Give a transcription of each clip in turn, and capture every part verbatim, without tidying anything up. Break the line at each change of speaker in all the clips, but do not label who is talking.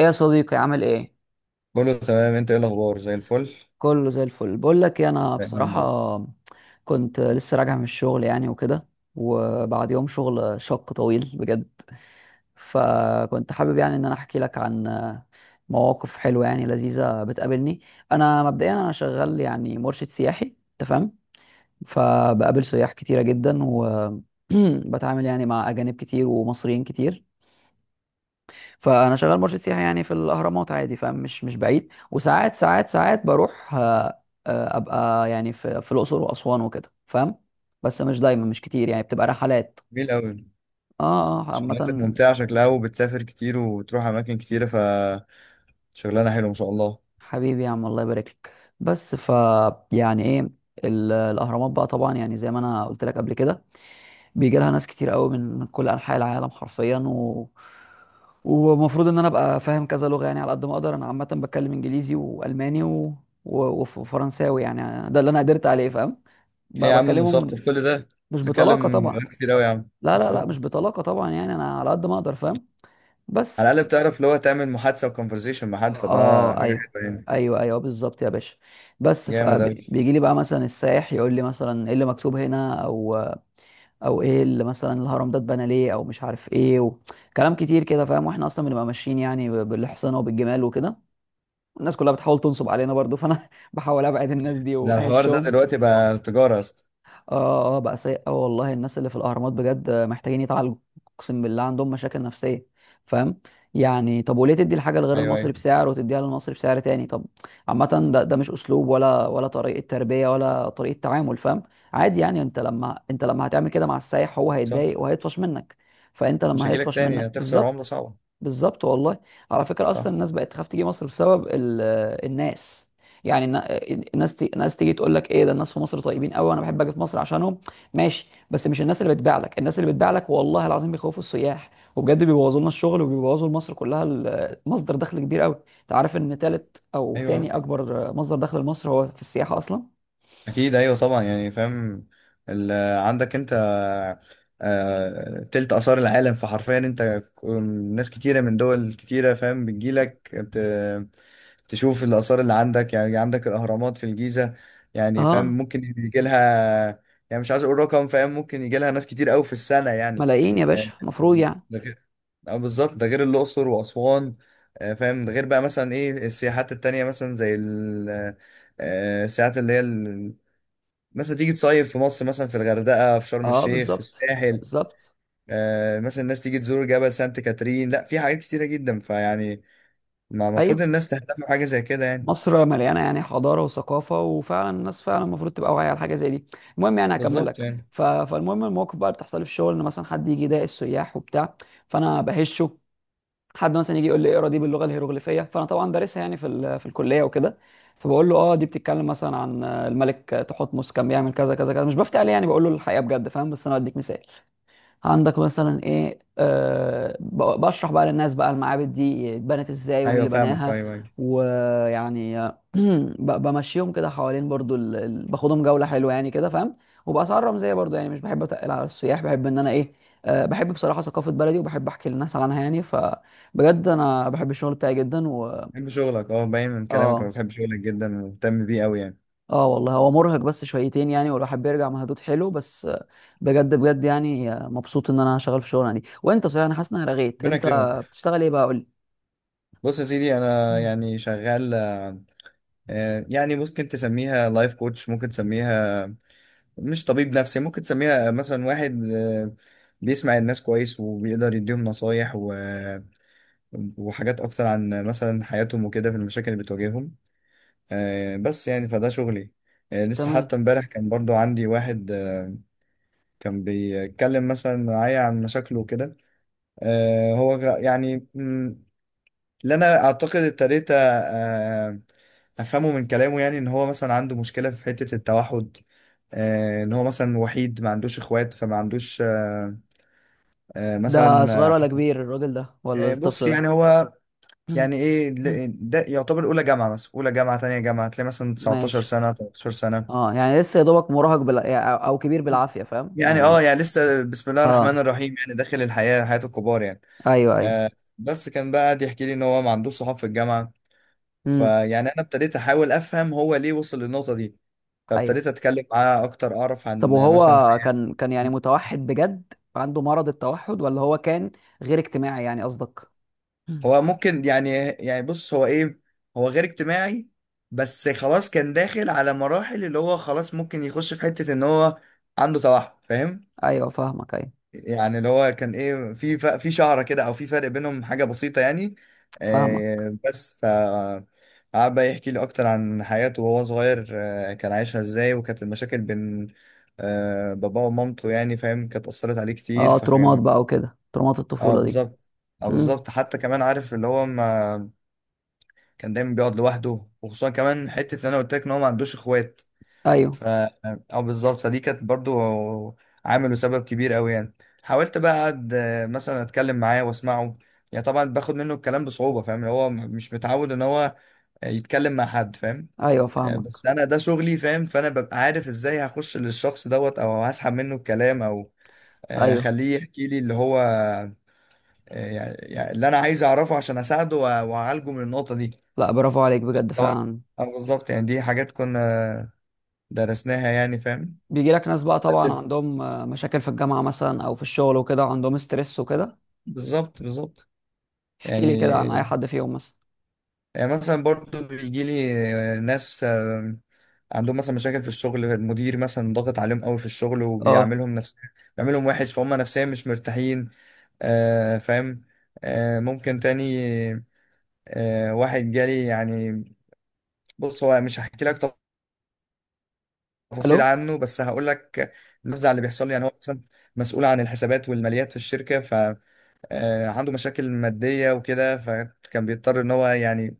ايه يا صديقي، عامل ايه؟
كله تمام، انت ايه الاخبار؟ زي الفل
كله زي الفل. بقول لك إيه، انا
دايما يا
بصراحه
رب.
كنت لسه راجع من الشغل يعني وكده، وبعد يوم شغل شق طويل بجد. فكنت حابب يعني ان انا احكي لك عن مواقف حلوه يعني لذيذه بتقابلني. انا مبدئيا انا شغال يعني مرشد سياحي، تمام؟ فبقابل سياح كتيره جدا وبتعامل يعني مع اجانب كتير ومصريين كتير. فانا شغال مرشد سياحي يعني في الاهرامات عادي، فمش مش بعيد، وساعات ساعات ساعات بروح آه، آه، ابقى يعني في في الاقصر واسوان وكده، فاهم؟ بس مش دايما، مش كتير، يعني بتبقى رحلات.
جميل قوي،
اه، اه، عامه.
شغلانتك ممتعه شكلها وبتسافر كتير وتروح اماكن كتيره، فشغلانه حلوه ما شاء الله.
حبيبي يا عم، الله يبارك لك. بس ف يعني ايه، ال- الاهرامات بقى، طبعا يعني زي ما انا قلت لك قبل كده، بيجي لها ناس كتير قوي من من كل انحاء العالم حرفيا، و... ومفروض ان انا ابقى فاهم كذا لغه يعني على قد ما اقدر. انا عامه بتكلم انجليزي والماني و... و... وف- وفرنساوي، يعني ده اللي انا قدرت عليه، فاهم؟
ايه
بقى
يا عم،
بكلمهم
مثقف كل ده؟
مش بطلاقه
بتتكلم
طبعا.
كتير قوي يا عم
لا، لا، لا، مش بطلاقه طبعا، يعني انا على قد ما اقدر، فاهم؟
على
بس.
الاقل بتعرف اللي هو تعمل محادثه وكونفرزيشن مع حد، فده
اه،
حاجه
ايوه،
حلوه يعني.
ايوه، ايوه، بالظبط يا باشا. بس
جامد قوي.
فبيجي لي بقى مثلا السائح يقول لي مثلا ايه اللي مكتوب هنا، او او ايه اللي مثلا الهرم ده اتبنى ليه، او مش عارف ايه، و... كلام كتير كده، فاهم؟ واحنا اصلا بنبقى ماشيين يعني ب- بالاحصنه وبالجمال وكده. الناس كلها بتحاول تنصب علينا برضو، فانا بحاول ابعد الناس دي
ده الحوار ده
واهشهم.
دلوقتي بقى تجاره يا اسطى؟
اه، اه، بقى سيء قوي والله. الناس اللي في الاهرامات بجد محتاجين يتعالجوا، اقسم بالله عندهم مشاكل نفسيه، فاهم؟ يعني طب وليه تدي الحاجه لغير
ايوه،
المصري
ايوه.
بسعر وتديها للمصري بسعر تاني؟ طب، عامه، ده ده مش اسلوب، ولا ولا طريقه تربيه، ولا طريقه تعامل، فاهم؟ عادي يعني انت لما انت لما هتعمل كده مع السايح، هو
صح،
هيتضايق وهيطفش منك. فانت
مش
لما
هجيلك
هيطفش
تاني،
منك،
هتخسر عمله
بالظبط.
صعبه.
بالظبط والله. على فكرة أصلا
صح.
الناس بقت تخاف تيجي مصر بسبب ال- الناس، يعني النا- الناس تي... الناس تيجي تقول لك ايه ده، الناس في مصر طيبين قوي، انا بحب اجي في مصر عشانهم. ماشي، بس مش الناس اللي بتبيع لك، الناس اللي بتبيع لك والله العظيم بيخوفوا السياح، وبجد بيبوظوا لنا الشغل وبيبوظوا لمصر كلها، ال- مصدر دخل كبير قوي. انت عارف ان تالت او
ايوه،
تاني اكبر مصدر دخل لمصر هو في السياحة اصلا.
اكيد ايوه طبعا يعني فاهم. ال- عندك انت آه، تلت آثار العالم، فحرفيا انت ك- ناس كتيرة من دول كتيرة فاهم بتجيلك ت- تشوف الآثار اللي عندك، يعني عندك الأهرامات في الجيزة، يعني فاهم
اه،
ممكن يجي لها، يعني مش عايز أقول رقم، فاهم ممكن يجي لها ناس كتير أوي في السنة يعني.
ملايين يا
آه،
باشا مفروض، يعني.
ده غير، آه، بالظبط ده غير الأقصر وأسوان. آه، فاهم ده غير بقى مثلا إيه السياحات التانية، مثلا زي ال- آه، آه، السياحات اللي هي مثلا تيجي تصيف في مصر، مثلا في الغردقة، في شرم
اه،
الشيخ، في
بالظبط،
الساحل.
بالظبط.
آه مثلا الناس تيجي تزور جبل سانت كاترين، لا في حاجات كتيرة جدا، فيعني ما المفروض
ايوه،
الناس تهتم بحاجة زي كده يعني.
مصر مليانه يعني حضاره وثقافه، وفعلا الناس فعلا المفروض تبقى واعيه على حاجه زي دي. المهم يعني هكمل
بالظبط
لك
يعني.
ف... فالمهم المواقف بقى اللي بتحصل لي في الشغل، ان مثلا حد يجي يضايق السياح وبتاع، فانا بهشه. حد مثلا يجي يقول لي اقرا دي باللغه الهيروغليفيه، فانا طبعا دارسها يعني في ال... في الكليه وكده، فبقول له اه دي بتتكلم مثلا عن الملك تحتمس، كان بيعمل كذا كذا كذا. مش بفتي عليه يعني، بقول له الحقيقه بجد، فاهم؟ بس انا بديك مثال، عندك مثلا ايه، أه ب- بشرح بقى للناس بقى المعابد دي اتبنت ازاي ومين
ايوه
اللي
فاهمك،
بناها.
ايوه ايوه.
ويعني آه، ب- بمشيهم كده حوالين برضو ال... ال- باخدهم جولة حلوة يعني كده، فاهم؟ وبأسعار رمزية برضو، يعني مش بحب اتقل على السياح، بحب ان انا ايه، أه بحب بصراحة ثقافة بلدي، وبحب احكي للناس عنها يعني، فبجد انا بحب الشغل بتاعي جدا و...
بحب شغلك، اه باين من كلامك انا
اه،
بتحب شغلك جدا ومهتم بيه قوي يعني.
اه والله هو مرهق بس شويتين يعني، والواحد بيرجع مهدود حلو، بس آه، بجد بجد يعني آه، مبسوط ان انا شغال في شغلنا دي. وانت صحيح، انا حاسس ان انا رغيت.
ربنا
انت
يكرمك.
بتشتغل ايه بقى؟ قول لي.
بص يا سيدي، انا
مم.
يعني شغال آه آه، يعني ممكن تسميها لايف كوتش، ممكن تسميها مش طبيب نفسي، ممكن تسميها مثلا واحد آه بيسمع الناس كويس وبيقدر يديهم نصايح، و وحاجات أكتر عن مثلا حياتهم وكده، في المشاكل اللي بتواجههم. آه، بس يعني فده شغلي. آه، لسه
تمام.
حتى امبارح كان برضو عندي واحد، آه، كان بيتكلم مثلا معايا عن مشاكله وكده. آه، هو غ- يعني، مم، اللي أنا أعتقد ابتديت آه، آه، أفهمه من كلامه، يعني إن هو مثلا عنده مشكلة في حتة التوحد. آه، إن هو مثلا وحيد ما عندوش إخوات، فما عندوش آه، آه،
ده
مثلا.
صغير ولا كبير الراجل ده، ولا
آه، بص
الطفل ده؟
يعني هو،
مم.
يعني ايه،
مم.
ل- ده يعتبر اولى جامعه، مثلا اولى جامعه، تانية جامعه، هتلاقي مثلا 19
ماشي.
سنه 13 سنه
اه، يعني لسه يا دوبك مراهق، بلا... يعني او أو كبير بالعافيه، فاهم
يعني. اه
يعني؟
يعني لسه بسم الله الرحمن
اه،
الرحيم، يعني داخل الحياه، حياه الكبار يعني.
ايوه، ايوه.
آه بس كان بقى قاعد يحكي لي ان هو ما عندوش صحاب في الجامعه.
امم.
فيعني انا ابتديت احاول افهم هو ليه وصل للنقطه دي،
ايوه.
فابتديت اتكلم معاه اكتر، اعرف
طب
عن مثلا
وهو
حياته.
كان كان يعني متوحد بجد، عنده مرض التوحد، ولا هو كان غير اجتماعي يعني، قصدك؟
هو ممكن يعني، يعني بص هو ايه، هو غير اجتماعي، بس خلاص كان داخل على مراحل اللي هو خلاص ممكن يخش في حته ان هو عنده توحد فاهم.
ايوه فاهمك، ايوه
يعني اللي هو كان ايه في ف- في شعره كده، او في فرق بينهم، حاجه بسيطه يعني.
فاهمك.
آه، بس ف قعد بقى يحكي لي اكتر عن حياته وهو صغير، آه، كان عايشها ازاي، وكانت المشاكل بين آه، باباه ومامته، يعني فاهم كانت اثرت عليه كتير
اه، ترومات
فكان.
بقى وكده، ترومات
اه
الطفولة دي.
بالظبط، اه
امم.
بالظبط. حتى كمان عارف اللي هو ما كان دايما بيقعد لوحده، وخصوصا كمان حته ان انا قلت لك ان هو ما عندوش اخوات.
ايوه،
ف اه بالظبط، فدي كانت برضو عامل وسبب كبير قوي يعني. حاولت بقى اقعد، آه، مثلا اتكلم معاه واسمعه، يعني طبعا باخد منه الكلام بصعوبة، فاهم هو م- مش متعود ان هو آه، يتكلم مع حد فاهم.
ايوه
آه،
فاهمك،
بس انا ده شغلي فاهم، فانا ببقى عارف ازاي هخش للشخص دوت، او هسحب منه الكلام، او آه،
ايوه.
اخليه يحكي لي اللي هو، آه، يعني، يعني اللي انا عايز اعرفه عشان اساعده وأ- واعالجه من النقطة دي.
لا، برافو عليك بجد
طبعا
فعلا.
اه بالظبط يعني، دي حاجات كنا درسناها يعني فاهم.
بيجي لك ناس بقى طبعا
بس
عندهم آه، مشاكل في الجامعة مثلا، او في الشغل وكده، عندهم ستريس وكده.
بالظبط بالظبط.
احكي لي كده عن اي
يعني،
حد فيهم مثلا.
يعني مثلا برضو بيجي لي آه، ناس آه، عندهم مثلا مشاكل في الشغل، المدير مثلا ضاغط عليهم قوي في الشغل
اه.
وبيعملهم نفس، بيعملهم وحش فهم نفسيا مش مرتاحين. آه فاهم. آه ممكن تاني. آه واحد جالي يعني، بص هو مش هحكي لك تفاصيل
الو؟
عنه، بس هقول لك النزعة اللي بيحصل لي. يعني هو مثلا مسؤول عن الحسابات والماليات في الشركة، فعنده مشاكل مادية وكده، فكان بيضطر ان هو يعني،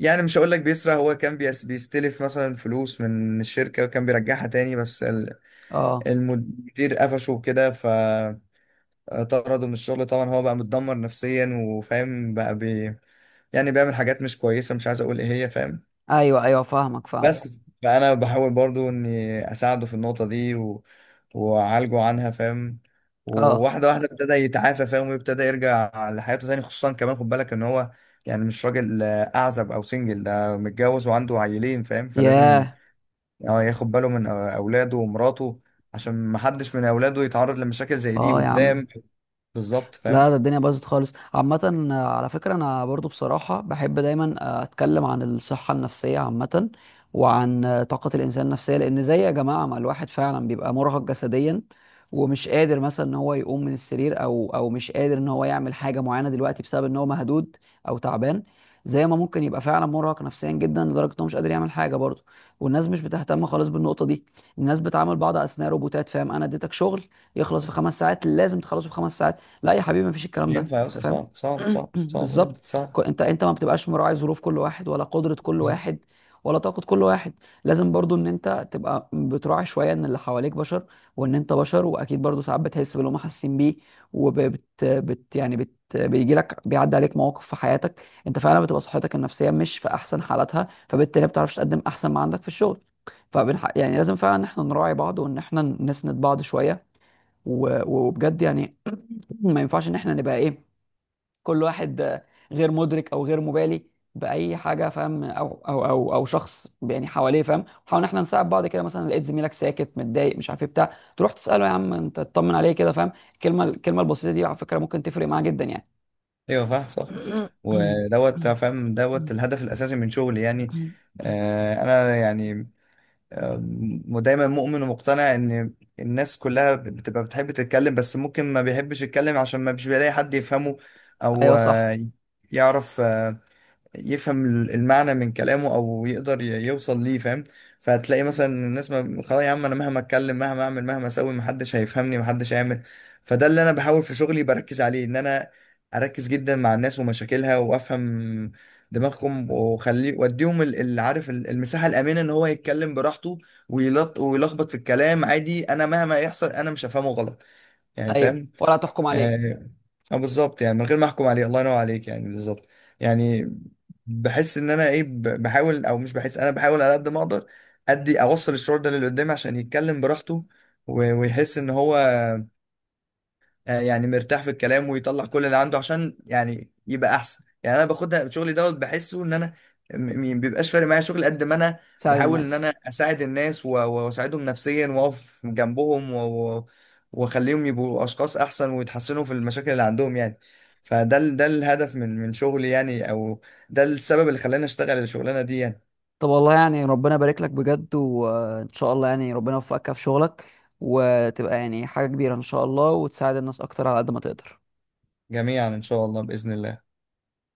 يعني مش هقول لك بيسرق، هو كان بيس بيستلف مثلا فلوس من الشركة وكان بيرجعها تاني، بس ال-
اه،
المدير قفشه كده فطرده من الشغل. طبعا هو بقى متدمر نفسيا وفاهم، بقى بي يعني بيعمل حاجات مش كويسة، مش عايز اقول ايه هي فاهم.
ايوه، ايوه فاهمك، فاهمك.
بس فانا بحاول برضو اني اساعده في النقطه دي، و... واعالجه عنها فاهم.
اه.
وواحده واحده ابتدى يتعافى فاهم، ويبتدى يرجع لحياته تاني، خصوصا كمان خد بالك ان هو يعني مش راجل، آه، اعزب او سنجل، ده متجوز وعنده عيلين فاهم، فلازم
ياه.
آه، ياخد باله من آه، اولاده ومراته، عشان محدش من اولاده يتعرض لمشاكل زي دي
اه يا عم،
قدام. بالظبط
لا
فاهم.
ده الدنيا باظت خالص. عامة آه، على فكرة أنا برضو بصراحة بحب دايما آه، أتكلم عن الصحة النفسية عامة، وعن آه، طاقة الإنسان النفسية. لأن زي يا جماعة ما الواحد فعلا بيبقى مرهق جسديا، ومش قادر مثلا إن هو يقوم من السرير، أو أو مش قادر إن هو يعمل حاجة معينة دلوقتي بسبب إن هو مهدود أو تعبان. زي ما ممكن يبقى فعلا مرهق نفسيا جدا لدرجة إن هو مش قادر يعمل حاجة برضه. والناس مش بتهتم خالص بالنقطة دي. الناس بتعامل بعض أثناء روبوتات، فاهم؟ أنا اديتك شغل يخلص في خمس ساعات، لازم تخلصه في خمس ساعات؟ لا يا حبيبي، مفيش الكلام
مش
ده،
ينفع يا
انت
أسطى،
فاهم؟
صعب صعب صعب صعب
بالظبط.
جدا صعب.
كو- انت انت ما بتبقاش مراعي ظروف كل واحد، ولا قدرة كل واحد، ولا طاقة كل واحد. لازم برضو ان انت تبقى بتراعي شوية ان اللي حواليك بشر، وان انت بشر، واكيد برضو ساعات بتحس باللي هم حاسين بيه. وبت بت يعني بت بيجي لك، بيعدي عليك مواقف في حياتك انت فعلا بتبقى صحتك النفسية مش في احسن حالاتها، فبالتالي ما بتعرفش تقدم احسن ما عندك في الشغل. فبنح... يعني لازم فعلا ان احنا نراعي بعض، وان احنا نسند بعض شوية. و- وبجد يعني ما ينفعش ان احنا نبقى ايه، كل واحد آه، غير مدرك او غير مبالي باي حاجه، فاهم؟ او او او او شخص يعني حواليه، فاهم؟ نحاول ان احنا نساعد بعض. كده مثلا لقيت زميلك ساكت متضايق مش عارف ايه بتاع، تروح تساله يا عم انت، تطمن عليه كده، فاهم؟ الكلمه الكلمه البسيطه دي على فكره ممكن تفرق معاه جدا، يعني.
ايوه فاهم صح. ودوت فاهم دوت الهدف الاساسي من شغلي يعني. آه انا يعني، آه دايما مؤمن ومقتنع ان الناس كلها بتبقى بتحب تتكلم، بس ممكن ما بيحبش يتكلم عشان ما بيش بيلاقي حد يفهمه، او
ايوه صح.
آه يعرف، آه، يفهم المعنى من كلامه، او يقدر ي- يوصل ليه فاهم. فهتلاقي مثلا الناس، ما خلاص يا عم انا مهما اتكلم مهما اعمل مهما اسوي محدش هيفهمني محدش هيعمل. فده اللي انا بحاول في شغلي بركز عليه، ان انا اركز جدا مع الناس ومشاكلها، وافهم دماغهم، واخليه واديهم ال- اللي عارف ال- المساحه الامنه ان هو يتكلم براحته، ويلط ويلخبط في الكلام عادي، انا مهما يحصل انا مش هفهمه غلط يعني
ايوه،
فاهم.
ولا تحكم عليه.
آه آه، بالظبط، يعني من غير ما احكم عليه، الله ينور عليك يعني بالظبط. يعني بحس ان انا ايه، ب- بحاول، او مش بحس انا بحاول على قد ما اقدر ادي اوصل الشعور ده للي قدامي عشان يتكلم براحته، و- ويحس ان هو آه، يعني مرتاح في الكلام، ويطلع كل اللي عنده عشان يعني يبقى احسن يعني. انا باخدها شغلي دوت، بحسه ان انا م- م- بيبقاش فارق معايا شغل قد ما انا
ساعد
بحاول ان
الناس.
انا اساعد الناس، و- واساعدهم نفسيا، واقف جنبهم و- و- واخليهم يبقوا اشخاص احسن ويتحسنوا في المشاكل اللي عندهم يعني. فده ال- ده الهدف من من شغلي يعني، او ده السبب اللي خلاني اشتغل الشغلانه دي يعني.
طب والله يعني ربنا يبارك لك بجد، وان شاء الله يعني ربنا يوفقك في شغلك، وتبقى يعني حاجة كبيرة ان شاء الله، وتساعد الناس اكتر على قد ما تقدر.
جميعا ان شاء الله، باذن الله.